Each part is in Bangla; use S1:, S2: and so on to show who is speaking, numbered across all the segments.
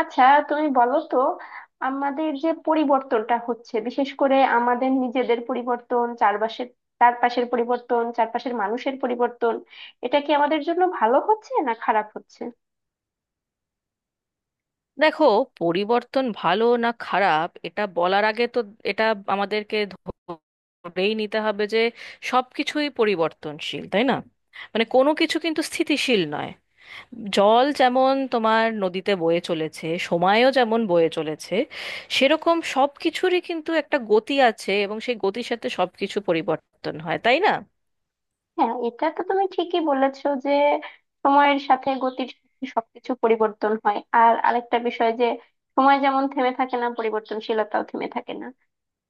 S1: আচ্ছা, তুমি বলো তো, আমাদের যে পরিবর্তনটা হচ্ছে, বিশেষ করে আমাদের নিজেদের পরিবর্তন, চারপাশের চারপাশের পরিবর্তন, চারপাশের মানুষের পরিবর্তন, এটা কি আমাদের জন্য ভালো হচ্ছে না খারাপ হচ্ছে?
S2: দেখো, পরিবর্তন ভালো না খারাপ এটা বলার আগে তো এটা আমাদেরকে ধরেই নিতে হবে যে সবকিছুই পরিবর্তনশীল, তাই না? মানে কোনো কিছু কিন্তু স্থিতিশীল নয়। জল যেমন তোমার নদীতে বয়ে চলেছে, সময়ও যেমন বয়ে চলেছে, সেরকম সব কিছুরই কিন্তু একটা গতি আছে, এবং সেই গতির সাথে সবকিছু পরিবর্তন হয়, তাই না?
S1: হ্যাঁ, এটা তো তুমি ঠিকই বলেছো যে সময়ের সাথে, গতির সাথে সবকিছু পরিবর্তন হয়। আর আরেকটা বিষয় যে সময় যেমন থেমে থাকে না, পরিবর্তনশীলতাও থেমে থাকে না।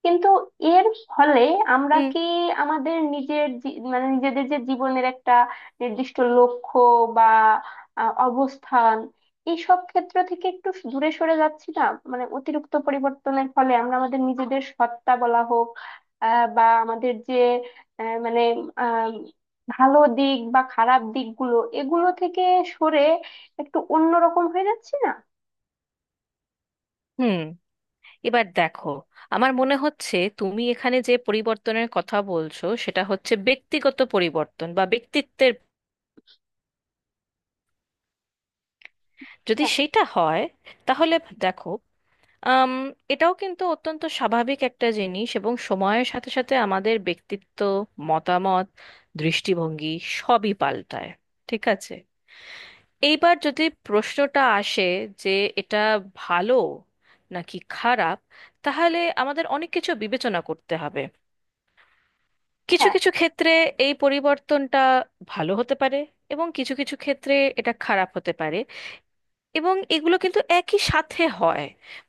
S1: কিন্তু এর ফলে আমরা
S2: হুম।
S1: কি আমাদের নিজের জী- মানে নিজেদের যে জীবনের একটা নির্দিষ্ট লক্ষ্য বা অবস্থান, এইসব ক্ষেত্র থেকে একটু দূরে সরে যাচ্ছি না? মানে অতিরিক্ত পরিবর্তনের ফলে আমরা আমাদের নিজেদের সত্তা বলা হোক, বা আমাদের যে আহ, মানে আহ, ভালো দিক বা খারাপ দিকগুলো, এগুলো থেকে সরে একটু অন্যরকম হয়ে যাচ্ছি না?
S2: হুম। এবার দেখো, আমার মনে হচ্ছে তুমি এখানে যে পরিবর্তনের কথা বলছো সেটা হচ্ছে ব্যক্তিগত পরিবর্তন বা ব্যক্তিত্বের। যদি
S1: হ্যাঁ।
S2: সেটা হয়, তাহলে দেখো, আম, এটাও কিন্তু অত্যন্ত স্বাভাবিক একটা জিনিস, এবং সময়ের সাথে সাথে আমাদের ব্যক্তিত্ব, মতামত, দৃষ্টিভঙ্গি সবই পাল্টায়। ঠিক আছে। এইবার যদি প্রশ্নটা আসে যে এটা ভালো নাকি খারাপ, তাহলে আমাদের অনেক কিছু বিবেচনা করতে হবে। কিছু কিছু ক্ষেত্রে এই পরিবর্তনটা ভালো হতে পারে, এবং কিছু কিছু ক্ষেত্রে এটা খারাপ হতে পারে। এবং এগুলো কিন্তু একই সাথে হয়।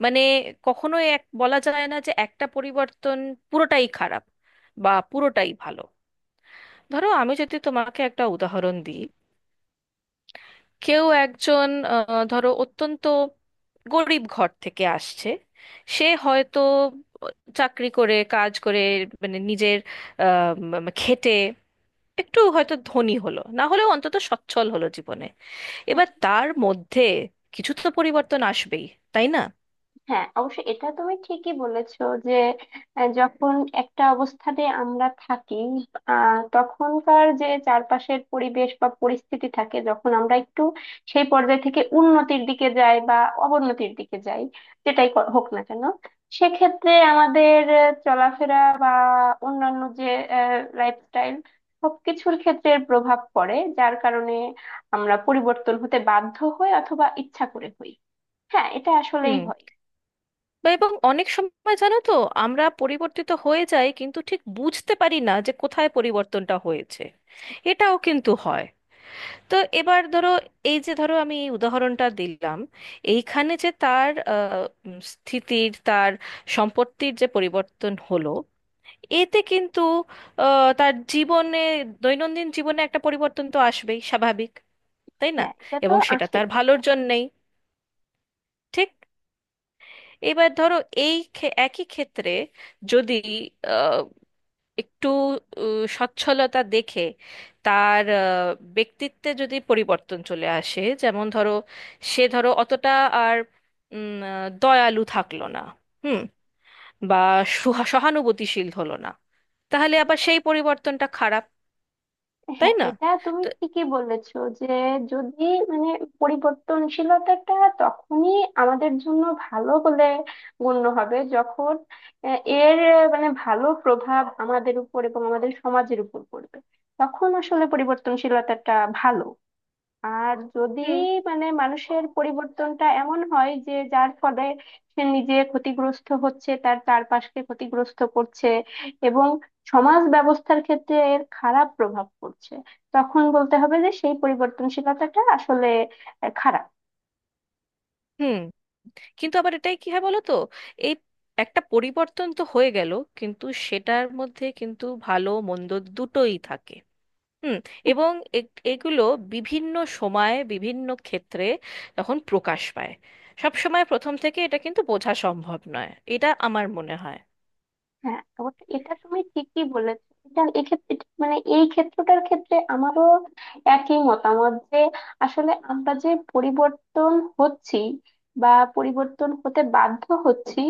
S2: মানে কখনোই এক বলা যায় না যে একটা পরিবর্তন পুরোটাই খারাপ বা পুরোটাই ভালো। ধরো আমি যদি তোমাকে একটা উদাহরণ দিই, কেউ একজন ধরো অত্যন্ত গরিব ঘর থেকে আসছে। সে হয়তো চাকরি করে, কাজ করে, মানে নিজের খেটে একটু হয়তো ধনী হলো, না হলেও অন্তত সচ্ছল হলো জীবনে।
S1: হ্যাঁ।
S2: এবার তার মধ্যে কিছু তো পরিবর্তন আসবেই, তাই না?
S1: হ্যাঁ, অবশ্যই এটা তুমি ঠিকই বলেছো যে যখন একটা অবস্থানে আমরা থাকি, তখনকার যে চারপাশের পরিবেশ বা পরিস্থিতি থাকে, যখন আমরা একটু সেই পর্যায় থেকে উন্নতির দিকে যাই বা অবনতির দিকে যাই, হোক না কেন, সেক্ষেত্রে আমাদের চলাফেরা বা অন্যান্য যে লাইফস্টাইল, সবকিছুর ক্ষেত্রে এর প্রভাব পড়ে, যার কারণে আমরা পরিবর্তন হতে বাধ্য হই অথবা ইচ্ছা করে হই। হ্যাঁ, এটা আসলেই
S2: হুম।
S1: হয়।
S2: বা এবং অনেক সময় জানো তো, আমরা পরিবর্তিত হয়ে যাই কিন্তু ঠিক বুঝতে পারি না যে কোথায় পরিবর্তনটা হয়েছে। এটাও কিন্তু হয়। তো এবার ধরো, এই যে ধরো আমি এই উদাহরণটা দিলাম, এইখানে যে তার স্থিতির, তার সম্পত্তির যে পরিবর্তন হলো, এতে কিন্তু তার জীবনে, দৈনন্দিন জীবনে একটা পরিবর্তন তো আসবেই স্বাভাবিক, তাই না?
S1: হ্যাঁ, এটা তো
S2: এবং সেটা
S1: আসেই।
S2: তার ভালোর জন্যেই। ঠিক। এবার ধরো এই একই ক্ষেত্রে যদি আহ, একটু আহ, সচ্ছলতা দেখে তার ব্যক্তিত্বে যদি পরিবর্তন চলে আসে, যেমন ধরো সে ধরো অতটা আর দয়ালু থাকলো না, হুম, বা সহানুভূতিশীল হলো না, তাহলে আবার সেই পরিবর্তনটা খারাপ, তাই
S1: হ্যাঁ,
S2: না?
S1: এটা তুমি
S2: তো
S1: ঠিকই বলেছো যে যদি মানে পরিবর্তনশীলতাটা তখনই আমাদের জন্য ভালো বলে গণ্য হবে, যখন এর মানে ভালো প্রভাব আমাদের উপর এবং আমাদের সমাজের উপর পড়বে। তখন আসলে পরিবর্তনশীলতাটা ভালো। আর যদি
S2: হুম।
S1: মানে মানুষের পরিবর্তনটা এমন হয় যে যার ফলে সে নিজে ক্ষতিগ্রস্ত হচ্ছে, তার চারপাশকে ক্ষতিগ্রস্ত করছে এবং সমাজ ব্যবস্থার ক্ষেত্রে এর খারাপ প্রভাব পড়ছে, তখন বলতে হবে যে সেই পরিবর্তনশীলতাটা আসলে খারাপ।
S2: হুম। কিন্তু আবার এটাই কি হয় বলো তো, এই একটা পরিবর্তন তো হয়ে গেল, কিন্তু সেটার মধ্যে কিন্তু ভালো মন্দ দুটোই থাকে। হুম। এবং এ- এগুলো বিভিন্ন সময়ে বিভিন্ন ক্ষেত্রে তখন প্রকাশ পায়। সব সময় প্রথম থেকে এটা কিন্তু বোঝা সম্ভব নয়। এটা আমার মনে হয়।
S1: হ্যাঁ, অবশ্য এটা তুমি ঠিকই বলেছো। এটা এক্ষেত্রে এটা- মানে এই ক্ষেত্রটার ক্ষেত্রে আমারও একই মতামত যে আসলে আমরা যে পরিবর্তন হচ্ছি বা পরিবর্তন হতে বাধ্য হচ্ছি,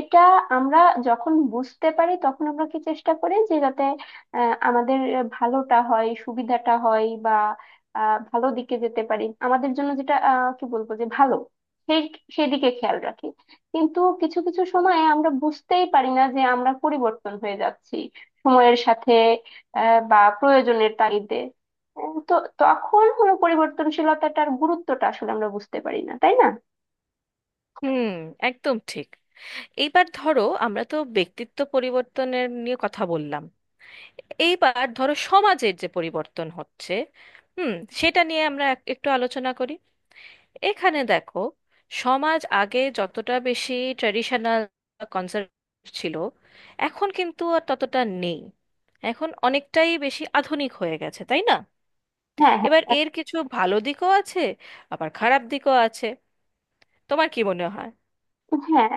S1: এটা আমরা যখন বুঝতে পারি, তখন আমরা কি চেষ্টা করি যে যাতে আমাদের ভালোটা হয়, সুবিধাটা হয়, বা ভালো দিকে যেতে পারি, আমাদের জন্য যেটা কি বলবো যে ভালো, সেই সেই দিকে খেয়াল রাখি। কিন্তু কিছু কিছু সময়ে আমরা বুঝতেই পারি না যে আমরা পরিবর্তন হয়ে যাচ্ছি সময়ের সাথে, বা প্রয়োজনের তাগিদে। তো তখন হলো পরিবর্তনশীলতাটার গুরুত্বটা আসলে আমরা বুঝতে পারি না, তাই না?
S2: হুম। একদম ঠিক। এইবার ধরো আমরা তো ব্যক্তিত্ব পরিবর্তনের নিয়ে কথা বললাম, এইবার ধরো সমাজের যে পরিবর্তন হচ্ছে, হুম, সেটা নিয়ে আমরা একটু আলোচনা করি। এখানে দেখো, সমাজ আগে যতটা বেশি ট্র্যাডিশনাল, কনজার্ভেটিভ ছিল, এখন কিন্তু আর ততটা নেই। এখন অনেকটাই বেশি আধুনিক হয়ে গেছে, তাই না?
S1: হ্যাঁ
S2: এবার
S1: হ্যাঁ
S2: এর কিছু ভালো দিকও আছে, আবার খারাপ দিকও আছে। তোমার কি মনে হয়?
S1: হ্যাঁ,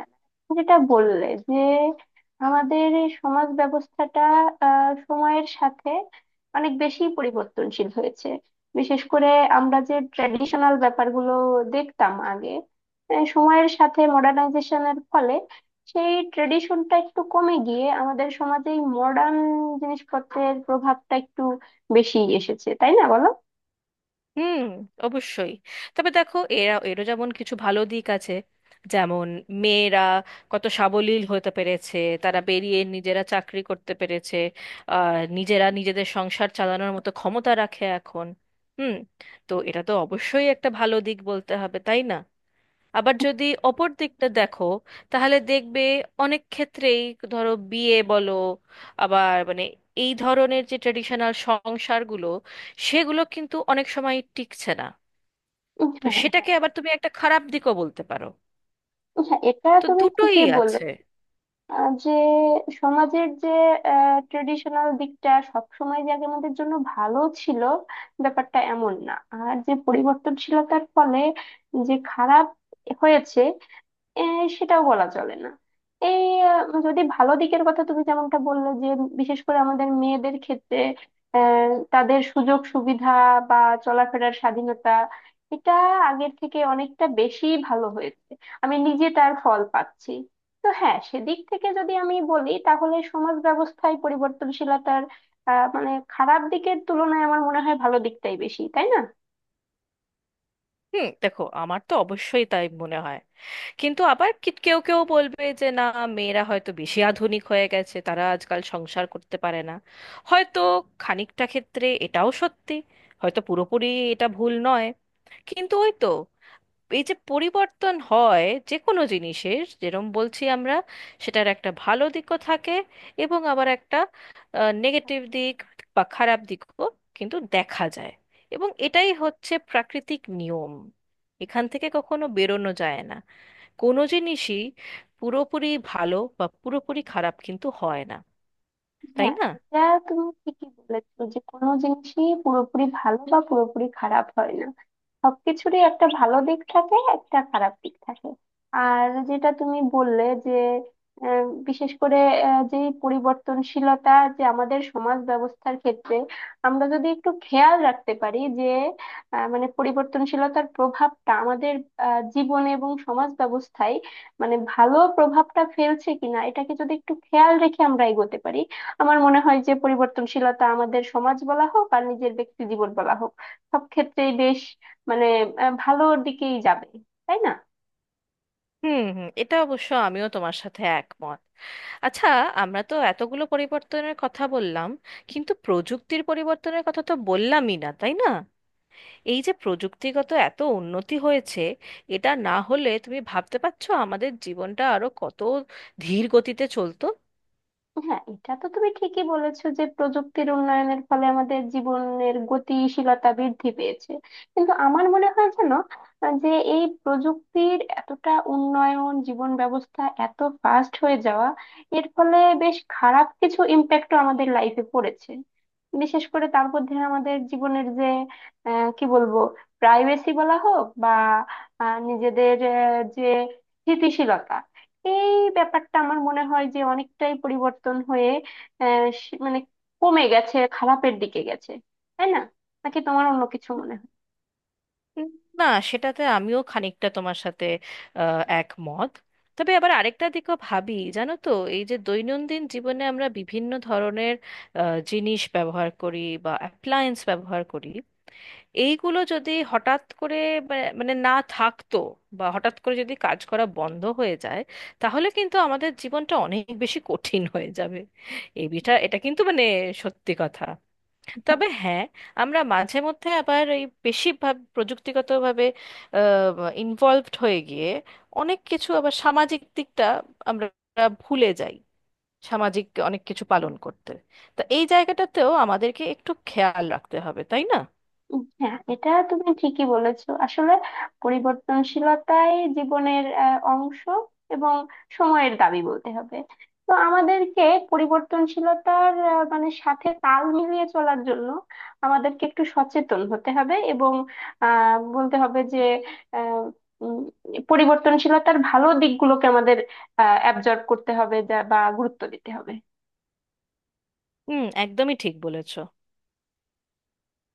S1: যেটা বললে যে আমাদের এই সমাজ ব্যবস্থাটা সময়ের সাথে অনেক বেশি পরিবর্তনশীল হয়েছে। বিশেষ করে আমরা যে ট্র্যাডিশনাল ব্যাপারগুলো দেখতাম আগে, সময়ের সাথে মডার্নাইজেশনের ফলে সেই ট্রেডিশনটা একটু কমে গিয়ে আমাদের সমাজে এই মডার্ন জিনিসপত্রের প্রভাবটা একটু বেশি এসেছে, তাই না বলো?
S2: হুম, অবশ্যই। তবে দেখো, এরা এরও যেমন কিছু ভালো দিক আছে। যেমন, মেয়েরা কত সাবলীল হতে পেরেছে, তারা বেরিয়ে নিজেরা চাকরি করতে পেরেছে, আর নিজেরা নিজেদের সংসার চালানোর মতো ক্ষমতা রাখে এখন। হুম। তো এটা তো অবশ্যই একটা ভালো দিক বলতে হবে, তাই না? আবার যদি অপর দিকটা দেখো, তাহলে দেখবে অনেক ক্ষেত্রেই, ধরো বিয়ে বলো, আবার মানে এই ধরনের যে ট্রেডিশনাল সংসারগুলো, সেগুলো কিন্তু অনেক সময় টিকছে না। তো
S1: হ্যাঁ
S2: সেটাকে
S1: হ্যাঁ।
S2: আবার তুমি একটা খারাপ দিকও বলতে পারো।
S1: হ্যাঁ, এটা
S2: তো
S1: তুমি
S2: দুটোই
S1: ঠিকই বললে।
S2: আছে।
S1: আহ যে, সমাজের যে ট্রেডিশনাল দিকটা সবসময় যে আগে আমাদের জন্য ভালো ছিল, ব্যাপারটা এমন না। আর যে পরিবর্তনশীলতার ফলে যে খারাপ হয়েছে, এ, সেটাও বলা চলে না। এই যদি ভালো দিকের কথা তুমি যেমনটা বললে যে বিশেষ করে আমাদের মেয়েদের ক্ষেত্রে তাদের সুযোগ সুবিধা বা চলাফেরার স্বাধীনতা, এটা আগের থেকে অনেকটা বেশি ভালো হয়েছে। আমি নিজে তার ফল পাচ্ছি। তো হ্যাঁ, সেদিক থেকে যদি আমি বলি, তাহলে সমাজ ব্যবস্থায় পরিবর্তনশীলতার মানে খারাপ দিকের তুলনায় আমার মনে হয় ভালো দিকটাই বেশি, তাই না?
S2: হুম, দেখো, আমার তো অবশ্যই তাই মনে হয়। কিন্তু আবার কেউ কেউ বলবে যে না, মেয়েরা হয়তো বেশি আধুনিক হয়ে গেছে, তারা আজকাল সংসার করতে পারে না। হয়তো খানিকটা ক্ষেত্রে এটাও সত্যি, হয়তো পুরোপুরি এটা ভুল নয়। কিন্তু ওই তো, এই যে পরিবর্তন হয় যে কোনো জিনিসের, যেরম বলছি আমরা, সেটার একটা ভালো দিকও থাকে, এবং আবার একটা নেগেটিভ দিক বা খারাপ দিকও কিন্তু দেখা যায়। এবং এটাই হচ্ছে প্রাকৃতিক নিয়ম, এখান থেকে কখনো বেরোনো যায় না। কোনো জিনিসই পুরোপুরি ভালো বা পুরোপুরি খারাপ কিন্তু হয় না, তাই
S1: হ্যাঁ,
S2: না?
S1: এটা তুমি ঠিকই বলেছো যে কোনো জিনিসই পুরোপুরি ভালো বা পুরোপুরি খারাপ হয় না। সবকিছুরই একটা ভালো দিক থাকে, একটা খারাপ দিক থাকে। আর যেটা তুমি বললে যে বিশেষ করে যে পরিবর্তনশীলতা, যে আমাদের সমাজ ব্যবস্থার ক্ষেত্রে আমরা যদি একটু খেয়াল রাখতে পারি যে মানে পরিবর্তনশীলতার প্রভাবটা আমাদের জীবনে এবং সমাজ ব্যবস্থায় মানে ভালো প্রভাবটা ফেলছে কিনা, এটাকে যদি একটু খেয়াল রেখে আমরা এগোতে পারি, আমার মনে হয় যে পরিবর্তনশীলতা আমাদের সমাজ বলা হোক আর নিজের ব্যক্তি জীবন বলা হোক, সব ক্ষেত্রেই বেশ মানে ভালোর দিকেই যাবে, তাই না?
S2: হুম। হুম, এটা অবশ্য আমিও তোমার সাথে একমত। আচ্ছা, আমরা তো এতগুলো পরিবর্তনের কথা বললাম, কিন্তু প্রযুক্তির পরিবর্তনের কথা তো বললামই না, তাই না? এই যে প্রযুক্তিগত এত উন্নতি হয়েছে, এটা না হলে তুমি ভাবতে পারছো আমাদের জীবনটা আরো কত ধীর গতিতে চলতো?
S1: হ্যাঁ, এটা তো তুমি ঠিকই বলেছো যে প্রযুক্তির উন্নয়নের ফলে আমাদের জীবনের গতিশীলতা বৃদ্ধি পেয়েছে। কিন্তু আমার মনে হয় যেন আহ, যে এই প্রযুক্তির এতটা উন্নয়ন, জীবন ব্যবস্থা এত ফাস্ট হয়ে যাওয়া, এর ফলে বেশ খারাপ কিছু ইম্প্যাক্টও আমাদের লাইফে পড়েছে। বিশেষ করে তার মধ্যে আমাদের জীবনের যে কি বলবো, প্রাইভেসি বলা হোক বা নিজেদের যে স্থিতিশীলতা, এই ব্যাপারটা আমার মনে হয় যে অনেকটাই পরিবর্তন হয়ে আহ, সে- মানে কমে গেছে, খারাপের দিকে গেছে, তাই না? নাকি তোমার অন্য কিছু মনে হয়?
S2: উম, না, সেটাতে আমিও খানিকটা তোমার সাথে একমত। তবে আবার আরেকটা দিকও ভাবি জানো তো, এই যে দৈনন্দিন জীবনে আমরা বিভিন্ন ধরনের আহ, জিনিস ব্যবহার করি বা অ্যাপ্লায়েন্স ব্যবহার করি, এইগুলো যদি হঠাৎ করে মানে না থাকতো, বা হঠাৎ করে যদি কাজ করা বন্ধ হয়ে যায়, তাহলে কিন্তু আমাদের জীবনটা অনেক বেশি কঠিন হয়ে যাবে। এই বিষয়টা, এটা কিন্তু মানে সত্যি কথা। তবে হ্যাঁ, আমরা মাঝে মধ্যে আবার এই বেশি ভাব প্রযুক্তিগতভাবে ইনভলভড হয়ে গিয়ে অনেক কিছু আবার সামাজিক দিকটা আমরা ভুলে যাই, সামাজিক অনেক কিছু পালন করতে। তা এই জায়গাটাতেও আমাদেরকে একটু খেয়াল রাখতে হবে, তাই না?
S1: হ্যাঁ, এটা তুমি ঠিকই বলেছো। আসলে পরিবর্তনশীলতাই জীবনের অংশ এবং সময়ের দাবি বলতে হবে। তো আমাদেরকে পরিবর্তনশীলতার মানে সাথে তাল মিলিয়ে চলার জন্য আমাদেরকে একটু সচেতন হতে হবে এবং আহ বলতে হবে যে আহ, উম, পরিবর্তনশীলতার ভালো দিকগুলোকে আমাদের অ্যাবজর্ব করতে হবে যা বা গুরুত্ব দিতে হবে।
S2: হুম, একদমই ঠিক বলেছ।